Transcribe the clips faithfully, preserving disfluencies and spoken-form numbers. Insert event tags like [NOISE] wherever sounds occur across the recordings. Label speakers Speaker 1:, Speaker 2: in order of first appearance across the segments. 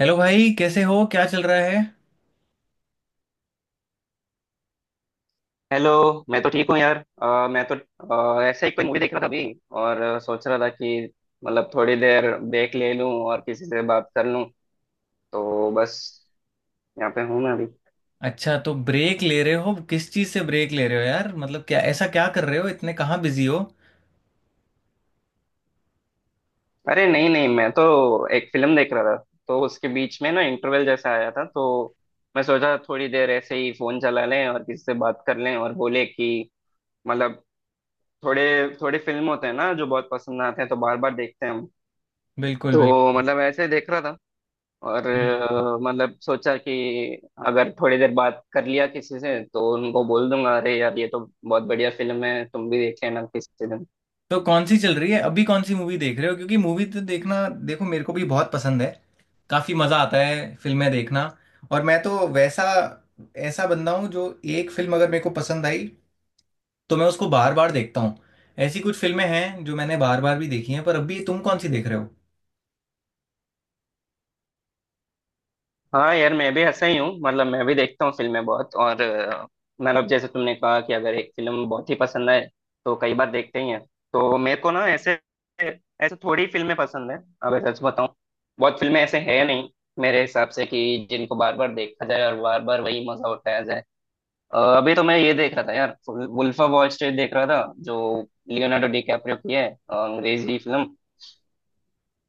Speaker 1: Hello भाई, कैसे हो? क्या चल रहा है?
Speaker 2: हेलो। मैं तो ठीक हूँ यार। अ, मैं तो अ, ऐसे ही कोई मूवी देख रहा था अभी। और अ, सोच रहा था कि मतलब थोड़ी देर ब्रेक ले लूँ और किसी से बात कर लूँ। तो बस यहाँ पे हूँ मैं अभी।
Speaker 1: अच्छा, तो ब्रेक ले रहे हो? किस चीज से ब्रेक ले रहे हो यार? मतलब क्या ऐसा क्या कर रहे हो? इतने कहाँ बिजी हो?
Speaker 2: अरे नहीं नहीं, मैं तो एक फिल्म देख रहा था। तो उसके बीच में ना इंटरवल जैसा आया था तो मैं सोचा थोड़ी देर ऐसे ही फोन चला लें और किसी से बात कर लें। और बोले कि मतलब थोड़े थोड़े फिल्म होते हैं ना जो बहुत पसंद आते हैं, तो बार बार देखते हैं हम।
Speaker 1: बिल्कुल,
Speaker 2: तो मतलब ऐसे देख रहा था। और
Speaker 1: बिल्कुल।
Speaker 2: अ, मतलब सोचा कि अगर थोड़ी देर बात कर लिया किसी से तो उनको बोल दूंगा अरे यार ये तो बहुत बढ़िया फिल्म है, तुम भी देख लेना किसी दिन।
Speaker 1: तो कौन सी चल रही है अभी? कौन सी मूवी देख रहे हो? क्योंकि मूवी तो देखना, देखो, मेरे को भी बहुत पसंद है। काफी मजा आता है फिल्में देखना। और मैं तो वैसा ऐसा बंदा हूँ जो एक फिल्म अगर मेरे को पसंद आई तो मैं उसको बार बार देखता हूँ। ऐसी कुछ फिल्में हैं जो मैंने बार बार भी देखी हैं, पर अभी तुम कौन सी देख रहे हो?
Speaker 2: हाँ यार, मैं भी ऐसा ही हूँ। मतलब मैं भी देखता हूँ फिल्में बहुत। और अ, मतलब जैसे तुमने कहा कि अगर एक फिल्म बहुत ही पसंद आए तो कई बार देखते ही हैं। तो मेरे को ना ऐसे ऐसे थोड़ी फिल्में पसंद है, अगर सच बताऊँ। बहुत फिल्में ऐसे है नहीं मेरे हिसाब से कि जिनको बार बार देखा जाए और बार बार वही मजा उठाया जाए। अ, अभी तो मैं ये देख रहा था यार, वुल्फ ऑफ वॉल स्ट्रीट देख रहा था, जो लियोनार्डो डिकैप्रियो की है, अ, अंग्रेजी फिल्म।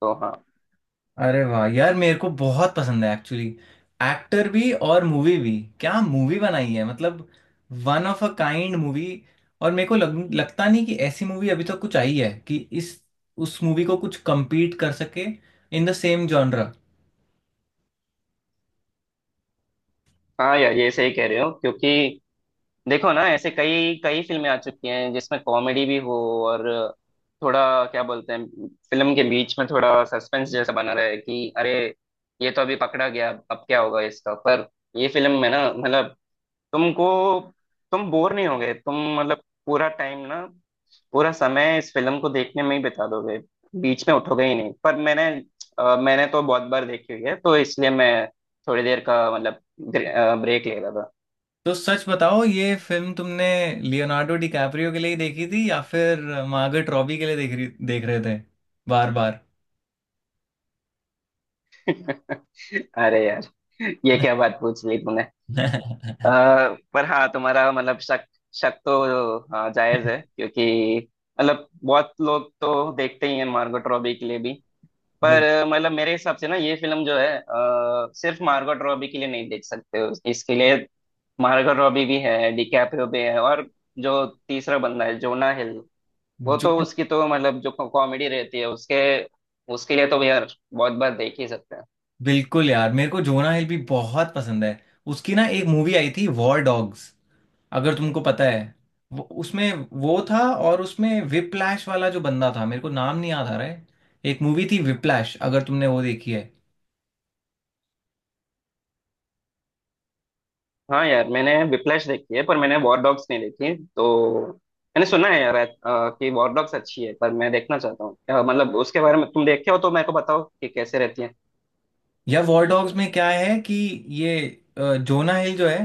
Speaker 2: तो हाँ।
Speaker 1: अरे वाह यार, मेरे को बहुत पसंद है एक्चुअली। एक्टर भी और मूवी भी। क्या मूवी बनाई है मतलब। One of a kind movie. और मेरे को लग, लगता नहीं कि ऐसी मूवी अभी तक कुछ आई है कि इस उस मूवी को कुछ compete कर सके इन द सेम जॉनरा।
Speaker 2: हाँ यार, ये सही कह रहे हो। क्योंकि देखो ना, ऐसे कई कई फिल्में आ चुकी हैं जिसमें कॉमेडी भी हो और थोड़ा, क्या बोलते हैं, फिल्म के बीच में थोड़ा सस्पेंस जैसा बना रहे कि अरे ये तो अभी पकड़ा गया, अब क्या होगा इसका। पर ये फिल्म में ना मतलब तुमको तुम बोर नहीं होगे। तुम मतलब पूरा टाइम ना पूरा समय इस फिल्म को देखने में ही बिता दोगे। बीच में उठोगे ही नहीं। पर मैंने अ, मैंने तो बहुत बार देखी हुई है, तो इसलिए मैं थोड़ी देर का मतलब ब्रेक ले रहा था।
Speaker 1: तो सच बताओ, ये फिल्म तुमने लियोनार्डो डिकैप्रियो के लिए ही देखी थी या फिर मार्गरेट रॉबी के लिए देख रही देख रहे थे बार बार?
Speaker 2: [LAUGHS] अरे यार, ये क्या बात पूछ ली तूने। अ,
Speaker 1: [LAUGHS]
Speaker 2: पर हाँ, तुम्हारा मतलब शक। शक तो हाँ जायज है, क्योंकि मतलब बहुत लोग तो देखते ही हैं मार्गोट रॉबी के लिए भी। पर
Speaker 1: बिल्कुल।
Speaker 2: अ, मतलब मेरे हिसाब से ना ये फिल्म जो है अ, सिर्फ मार्गोट रॉबी के लिए नहीं देख सकते हो, इसके लिए मार्गो रॉबी भी है, डिकैप्रियो भी है, और जो तीसरा बंदा है जोना हिल, वो
Speaker 1: जो
Speaker 2: तो उसकी तो मतलब जो कॉमेडी रहती है उसके उसके लिए तो यार बहुत बार देख ही सकते हैं।
Speaker 1: बिल्कुल यार, मेरे को जोना हिल भी बहुत पसंद है। उसकी ना एक मूवी आई थी वॉर डॉग्स, अगर तुमको पता है। वो, उसमें वो था। और उसमें विप्लैश वाला जो बंदा था, मेरे को नाम नहीं याद आ रहा है। एक मूवी थी विप्लैश, अगर तुमने वो देखी है।
Speaker 2: हाँ यार, मैंने विप्लैश देखी है, पर मैंने वॉर डॉग्स नहीं देखी। तो मैंने सुना है यार अ, कि वॉर डॉग्स अच्छी है, पर मैं देखना चाहता हूँ। अ, मतलब उसके बारे में तुम देखे हो तो मेरे को बताओ कि कैसे रहती है।
Speaker 1: या वॉर डॉग्स में क्या है कि ये अ, जोना हिल जो है,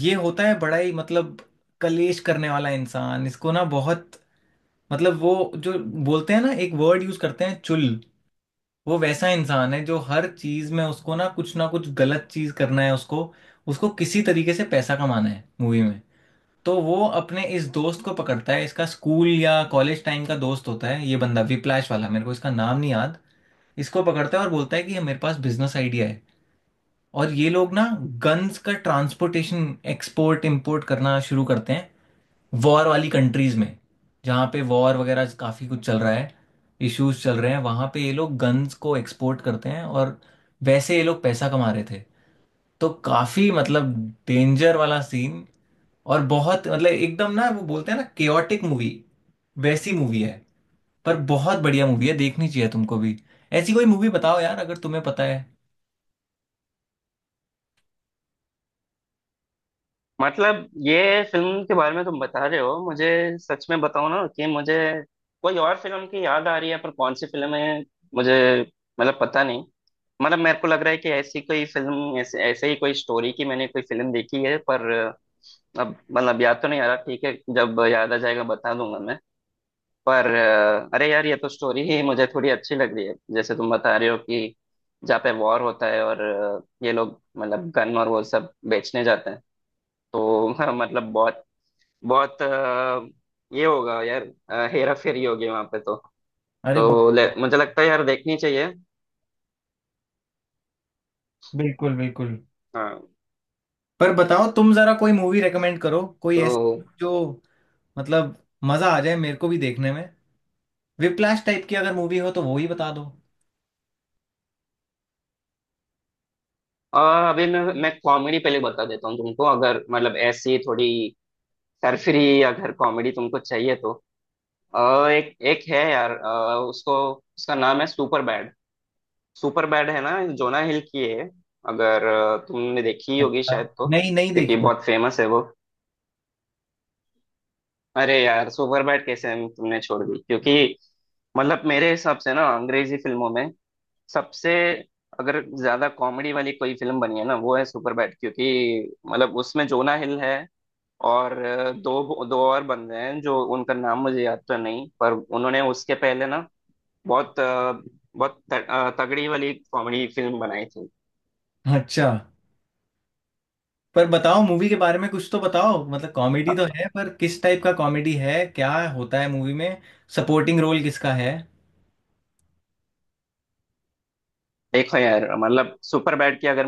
Speaker 1: ये होता है बड़ा ही मतलब कलेश करने वाला इंसान। इसको ना बहुत मतलब वो जो बोलते हैं ना, एक वर्ड यूज करते हैं, चुल। वो वैसा इंसान है जो हर चीज में उसको ना कुछ ना कुछ गलत चीज करना है। उसको उसको किसी तरीके से पैसा कमाना है मूवी में। तो वो अपने इस दोस्त को पकड़ता है, इसका स्कूल या कॉलेज टाइम का दोस्त होता है ये बंदा विप्लैश वाला, मेरे को इसका नाम नहीं याद। इसको पकड़ता है और बोलता है कि ये मेरे पास बिजनेस आइडिया है। और ये लोग ना गन्स का ट्रांसपोर्टेशन, एक्सपोर्ट इम्पोर्ट करना शुरू करते हैं वॉर वाली कंट्रीज में, जहाँ पे वॉर वगैरह काफ़ी कुछ चल रहा है, इश्यूज चल रहे हैं। वहाँ पे ये लोग गन्स को एक्सपोर्ट करते हैं और वैसे ये लोग पैसा कमा रहे थे। तो काफ़ी मतलब डेंजर वाला सीन, और बहुत मतलब एकदम ना वो बोलते हैं ना, केओटिक मूवी, वैसी मूवी है। पर बहुत बढ़िया मूवी है, देखनी चाहिए तुमको भी। ऐसी कोई मूवी बताओ यार, अगर तुम्हें पता है।
Speaker 2: मतलब ये फिल्म के बारे में तुम बता रहे हो मुझे, सच में बताओ ना कि मुझे कोई और फिल्म की याद आ रही है, पर कौन सी फिल्म है मुझे मतलब पता नहीं। मतलब मेरे को लग रहा है कि ऐसी कोई फिल्म, ऐसे ऐसे ही कोई स्टोरी की मैंने कोई फिल्म देखी है, पर अब मतलब याद तो नहीं आ रहा। ठीक है, जब याद आ जाएगा बता दूंगा मैं। पर अरे यार, ये तो स्टोरी ही मुझे थोड़ी अच्छी लग रही है जैसे तुम बता रहे हो कि जहाँ पे वॉर होता है और ये लोग मतलब गन और वो सब बेचने जाते हैं तो [LAUGHS] मतलब बहुत बहुत अ, ये होगा यार, हेरा फेरी होगी वहां पे तो।
Speaker 1: अरे ब-।
Speaker 2: तो ले, मुझे लगता है यार देखनी चाहिए।
Speaker 1: बिल्कुल, बिल्कुल।
Speaker 2: हाँ।
Speaker 1: पर बताओ, तुम जरा कोई मूवी रेकमेंड करो, कोई
Speaker 2: तो
Speaker 1: ऐसी जो मतलब मजा आ जाए मेरे को भी देखने में। विप्लैश टाइप की अगर मूवी हो तो वो ही बता दो।
Speaker 2: अ, अभी मैं मैं कॉमेडी पहले बता देता हूँ तुमको। अगर मतलब ऐसी थोड़ी सरफरी अगर कॉमेडी तुमको चाहिए तो अ, एक एक है यार। अ, उसको उसका नाम है सुपर बैड। सुपर बैड है ना, जोना हिल की है। अगर अ, तुमने देखी होगी शायद
Speaker 1: अच्छा।
Speaker 2: तो,
Speaker 1: नहीं, नहीं
Speaker 2: क्योंकि
Speaker 1: देखी।
Speaker 2: बहुत फेमस है वो। अरे यार, सुपरबैट कैसे हम तुमने छोड़ दी। क्योंकि मतलब मेरे हिसाब से ना अंग्रेजी फिल्मों में सबसे अगर ज्यादा कॉमेडी वाली कोई फिल्म बनी है ना वो है सुपरबैट। क्योंकि मतलब उसमें जोना हिल है और अ, दो दो और बंदे हैं जो उनका नाम मुझे याद तो नहीं, पर उन्होंने उसके पहले ना बहुत अ, बहुत त- अ, तगड़ी वाली कॉमेडी फिल्म बनाई थी।
Speaker 1: मैंने। अच्छा। पर बताओ मूवी के बारे में कुछ तो बताओ। मतलब कॉमेडी तो है, पर किस टाइप का कॉमेडी है? क्या होता है मूवी में? सपोर्टिंग रोल किसका है?
Speaker 2: देखो यार, मतलब सुपर बैड की अगर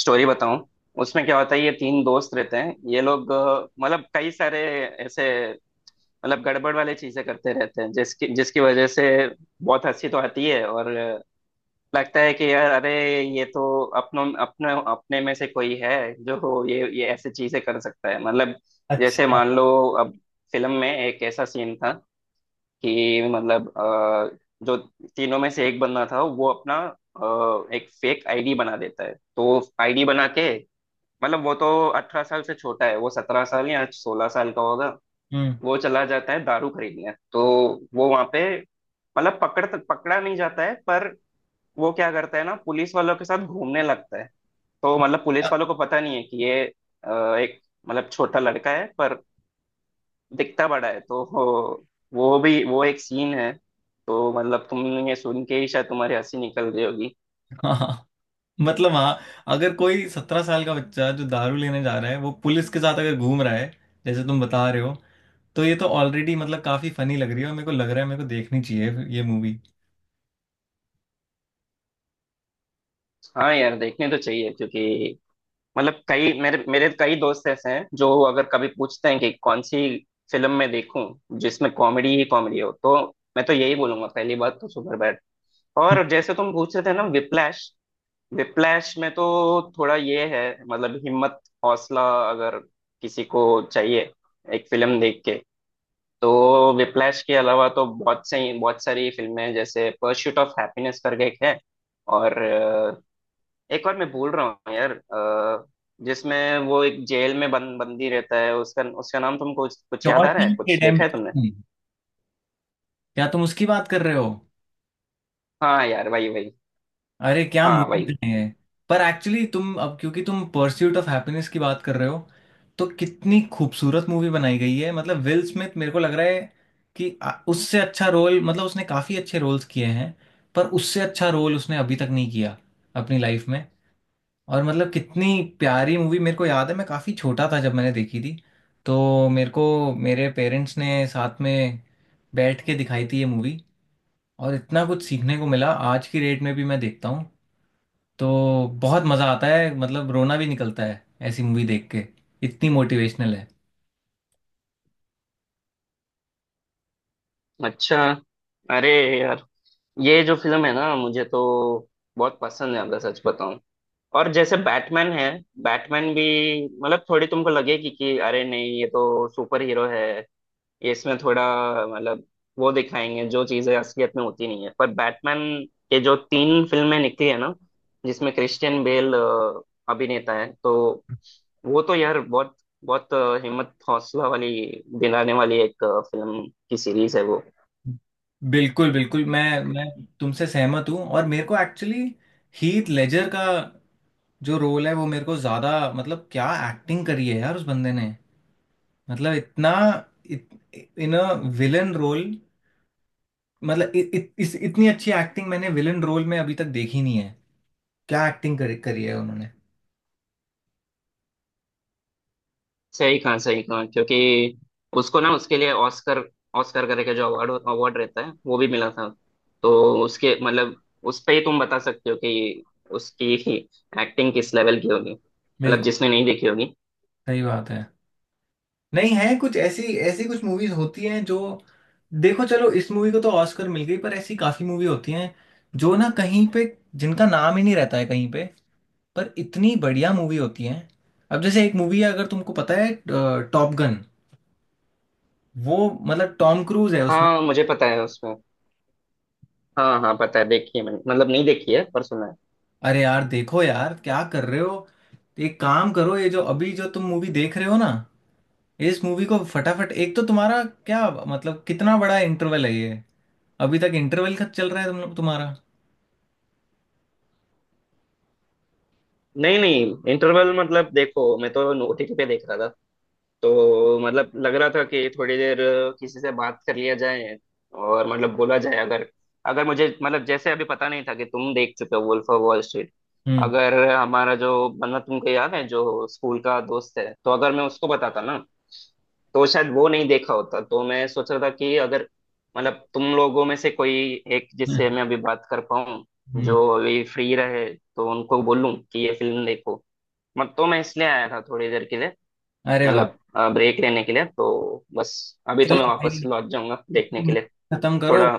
Speaker 2: स्टोरी बताऊं, उसमें क्या होता है, ये तीन दोस्त रहते हैं। ये लोग अ, मतलब कई सारे ऐसे मतलब गड़बड़ वाले चीजें करते रहते हैं जिसकी जिसकी वजह से बहुत हंसी तो आती है। और अ, लगता है कि यार अरे ये तो अपनों अपने अपने में से कोई है जो ये ये ऐसे चीजें कर सकता है मतलब। जैसे
Speaker 1: अच्छा।
Speaker 2: मान लो, अब फिल्म में एक ऐसा सीन था कि मतलब अ, जो तीनों में से एक बंदा था, वो अपना अ, एक फेक आईडी बना देता है, तो आईडी बना के मतलब वो तो अठारह साल से छोटा है, वो सत्रह साल या सोलह साल का होगा,
Speaker 1: हम्म।
Speaker 2: वो चला जाता है दारू खरीदने। तो वो वहां पे मतलब पकड़ पकड़ा नहीं जाता है। पर वो क्या करता है ना, पुलिस वालों के साथ घूमने लगता है। तो मतलब पुलिस वालों को पता नहीं है कि ये अ, एक मतलब छोटा लड़का है, पर दिखता बड़ा है। तो वो वो भी वो एक सीन है। तो मतलब तुमने ये सुन के ही शायद तुम्हारी हंसी निकल रही होगी।
Speaker 1: [LAUGHS] हाँ। मतलब हाँ, अगर कोई सत्रह साल का बच्चा जो दारू लेने जा रहा है वो पुलिस के साथ अगर घूम रहा है, जैसे तुम बता रहे हो, तो ये तो ऑलरेडी मतलब काफी फनी लग रही है। और मेरे को लग रहा है मेरे को देखनी चाहिए ये मूवी।
Speaker 2: हाँ यार, देखने तो चाहिए क्योंकि मतलब कई मेरे मेरे कई दोस्त ऐसे हैं जो अगर कभी पूछते हैं कि कौन सी फिल्म मैं देखूं जिसमें कॉमेडी ही कॉमेडी हो, तो मैं तो यही बोलूंगा, पहली बात तो सुपर बैड। और जैसे तुम पूछ रहे थे ना विप्लैश, विप्लैश में तो थोड़ा ये है मतलब हिम्मत हौसला अगर किसी को चाहिए एक फिल्म देख के। तो विप्लैश के अलावा तो बहुत सही बहुत सारी फिल्में हैं, जैसे परस्यूट ऑफ हैप्पीनेस करके एक है। और अ, एक और मैं भूल रहा हूँ यार, अ, जिसमें वो एक जेल में बंद बंदी रहता है, उसका उसका नाम तुमको कुछ कुछ याद आ रहा है?
Speaker 1: शॉशैंक
Speaker 2: कुछ देखा है तुमने?
Speaker 1: रिडेम्पशन, क्या तुम उसकी बात कर रहे हो?
Speaker 2: हाँ यार, वही वही।
Speaker 1: अरे क्या
Speaker 2: हाँ, वही।
Speaker 1: मूवी है। पर एक्चुअली तुम अब क्योंकि तुम परस्यूट ऑफ हैप्पीनेस की बात कर रहे हो, तो कितनी खूबसूरत मूवी बनाई गई है। मतलब विल स्मिथ, मेरे को लग रहा है कि आ- उससे अच्छा रोल, मतलब उसने काफी अच्छे रोल्स किए हैं, पर उससे अच्छा रोल उसने अभी तक नहीं किया अपनी लाइफ में। और मतलब कितनी प्यारी मूवी, मेरे को याद है मैं काफ़ी छोटा था जब मैंने देखी थी। तो मेरे को मेरे पेरेंट्स ने साथ में बैठ के दिखाई थी ये मूवी, और इतना कुछ सीखने को मिला। आज की डेट में भी मैं देखता हूँ तो बहुत मज़ा आता है। मतलब रोना भी निकलता है ऐसी मूवी देख के, इतनी मोटिवेशनल है।
Speaker 2: अच्छा। अरे यार, ये जो फिल्म है ना मुझे तो बहुत पसंद है, अगर सच बताऊं। और जैसे बैटमैन है, बैटमैन भी मतलब थोड़ी तुमको लगेगी कि अरे नहीं ये तो सुपर हीरो है, ये इसमें थोड़ा मतलब वो दिखाएंगे जो चीजें असलियत में होती नहीं है। पर बैटमैन के जो तीन फिल्में निकली है ना, जिसमें क्रिश्चियन बेल अ, अभिनेता है, तो वो तो यार बहुत बहुत अ, हिम्मत हौसला वाली दिलाने वाली एक अ, फिल्म की सीरीज है वो।
Speaker 1: बिल्कुल, बिल्कुल। मैं मैं तुमसे सहमत हूँ। और मेरे को एक्चुअली हीथ लेजर का जो रोल है वो मेरे को ज़्यादा मतलब, क्या एक्टिंग करी है यार उस बंदे ने। मतलब इतना इत, इन अ विलन रोल, मतलब इ, इ, इस इतनी अच्छी एक्टिंग मैंने विलन रोल में अभी तक देखी नहीं है। क्या एक्टिंग करी करी है उन्होंने।
Speaker 2: सही कहा, सही कहा। क्योंकि उसको ना उसके लिए ऑस्कर, ऑस्कर करके जो अवार्ड अवार्ड रहता है वो भी मिला था। तो उसके मतलब उस पे ही तुम बता सकते हो कि उसकी [LAUGHS] एक्टिंग किस लेवल की होगी, मतलब
Speaker 1: बिल्कुल।
Speaker 2: जिसने नहीं देखी होगी।
Speaker 1: सही बात है। नहीं है कुछ ऐसी, ऐसी कुछ मूवीज होती हैं जो, देखो चलो इस मूवी को तो ऑस्कर मिल गई, पर ऐसी काफी मूवी होती हैं जो ना कहीं पे, जिनका नाम ही नहीं रहता है कहीं पे, पर इतनी बढ़िया मूवी होती हैं। अब जैसे एक मूवी है, अगर तुमको पता है, टॉप गन। वो मतलब टॉम क्रूज है।
Speaker 2: हाँ, मुझे पता है उसमें। हाँ हाँ, पता है, देखी है मैंने। मतलब नहीं देखी है, पर सुना है।
Speaker 1: अरे यार, देखो यार क्या कर रहे हो। एक काम करो, ये जो अभी जो तुम मूवी देख रहे हो ना, इस मूवी को फटाफट। एक तो तुम्हारा क्या मतलब, कितना बड़ा इंटरवल है ये? अभी तक इंटरवल खत चल रहा है तुम तुम्हारा।
Speaker 2: नहीं नहीं, इंटरवल मतलब देखो मैं तो ओ टी टी पे देख रहा था, तो मतलब लग रहा था कि थोड़ी देर किसी से बात कर लिया जाए। और मतलब बोला जाए, अगर अगर मुझे मतलब जैसे अभी पता नहीं था कि तुम देख चुके हो वुल्फ ऑफ वॉल स्ट्रीट।
Speaker 1: हम्म।
Speaker 2: अगर हमारा जो मतलब तुमको याद है जो स्कूल का दोस्त है, तो अगर मैं उसको बताता ना, तो शायद वो नहीं देखा होता। तो मैं सोच रहा था कि अगर मतलब तुम लोगों में से कोई एक
Speaker 1: हम्म।
Speaker 2: जिससे मैं अभी बात कर पाऊँ,
Speaker 1: हम्म।
Speaker 2: जो अभी फ्री रहे, तो उनको बोलूँ कि ये फिल्म देखो मत। तो मैं इसलिए आया था थोड़ी देर के लिए,
Speaker 1: अरे वाह।
Speaker 2: मतलब ब्रेक लेने के लिए। तो बस, अभी तो
Speaker 1: चलो
Speaker 2: मैं वापस
Speaker 1: भाई,
Speaker 2: लौट जाऊंगा देखने के
Speaker 1: movie
Speaker 2: लिए।
Speaker 1: खत्म करो,
Speaker 2: थोड़ा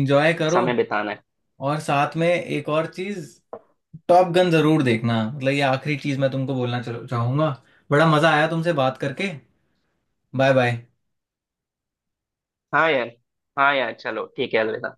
Speaker 1: एंजॉय करो।
Speaker 2: समय बिताना है।
Speaker 1: और साथ में एक और चीज, टॉप गन जरूर देखना। मतलब ये आखिरी चीज मैं तुमको बोलना चलो चाहूंगा। बड़ा मजा आया तुमसे बात करके। Bye bye.
Speaker 2: हाँ यार, हाँ यार, चलो ठीक है, अलविदा।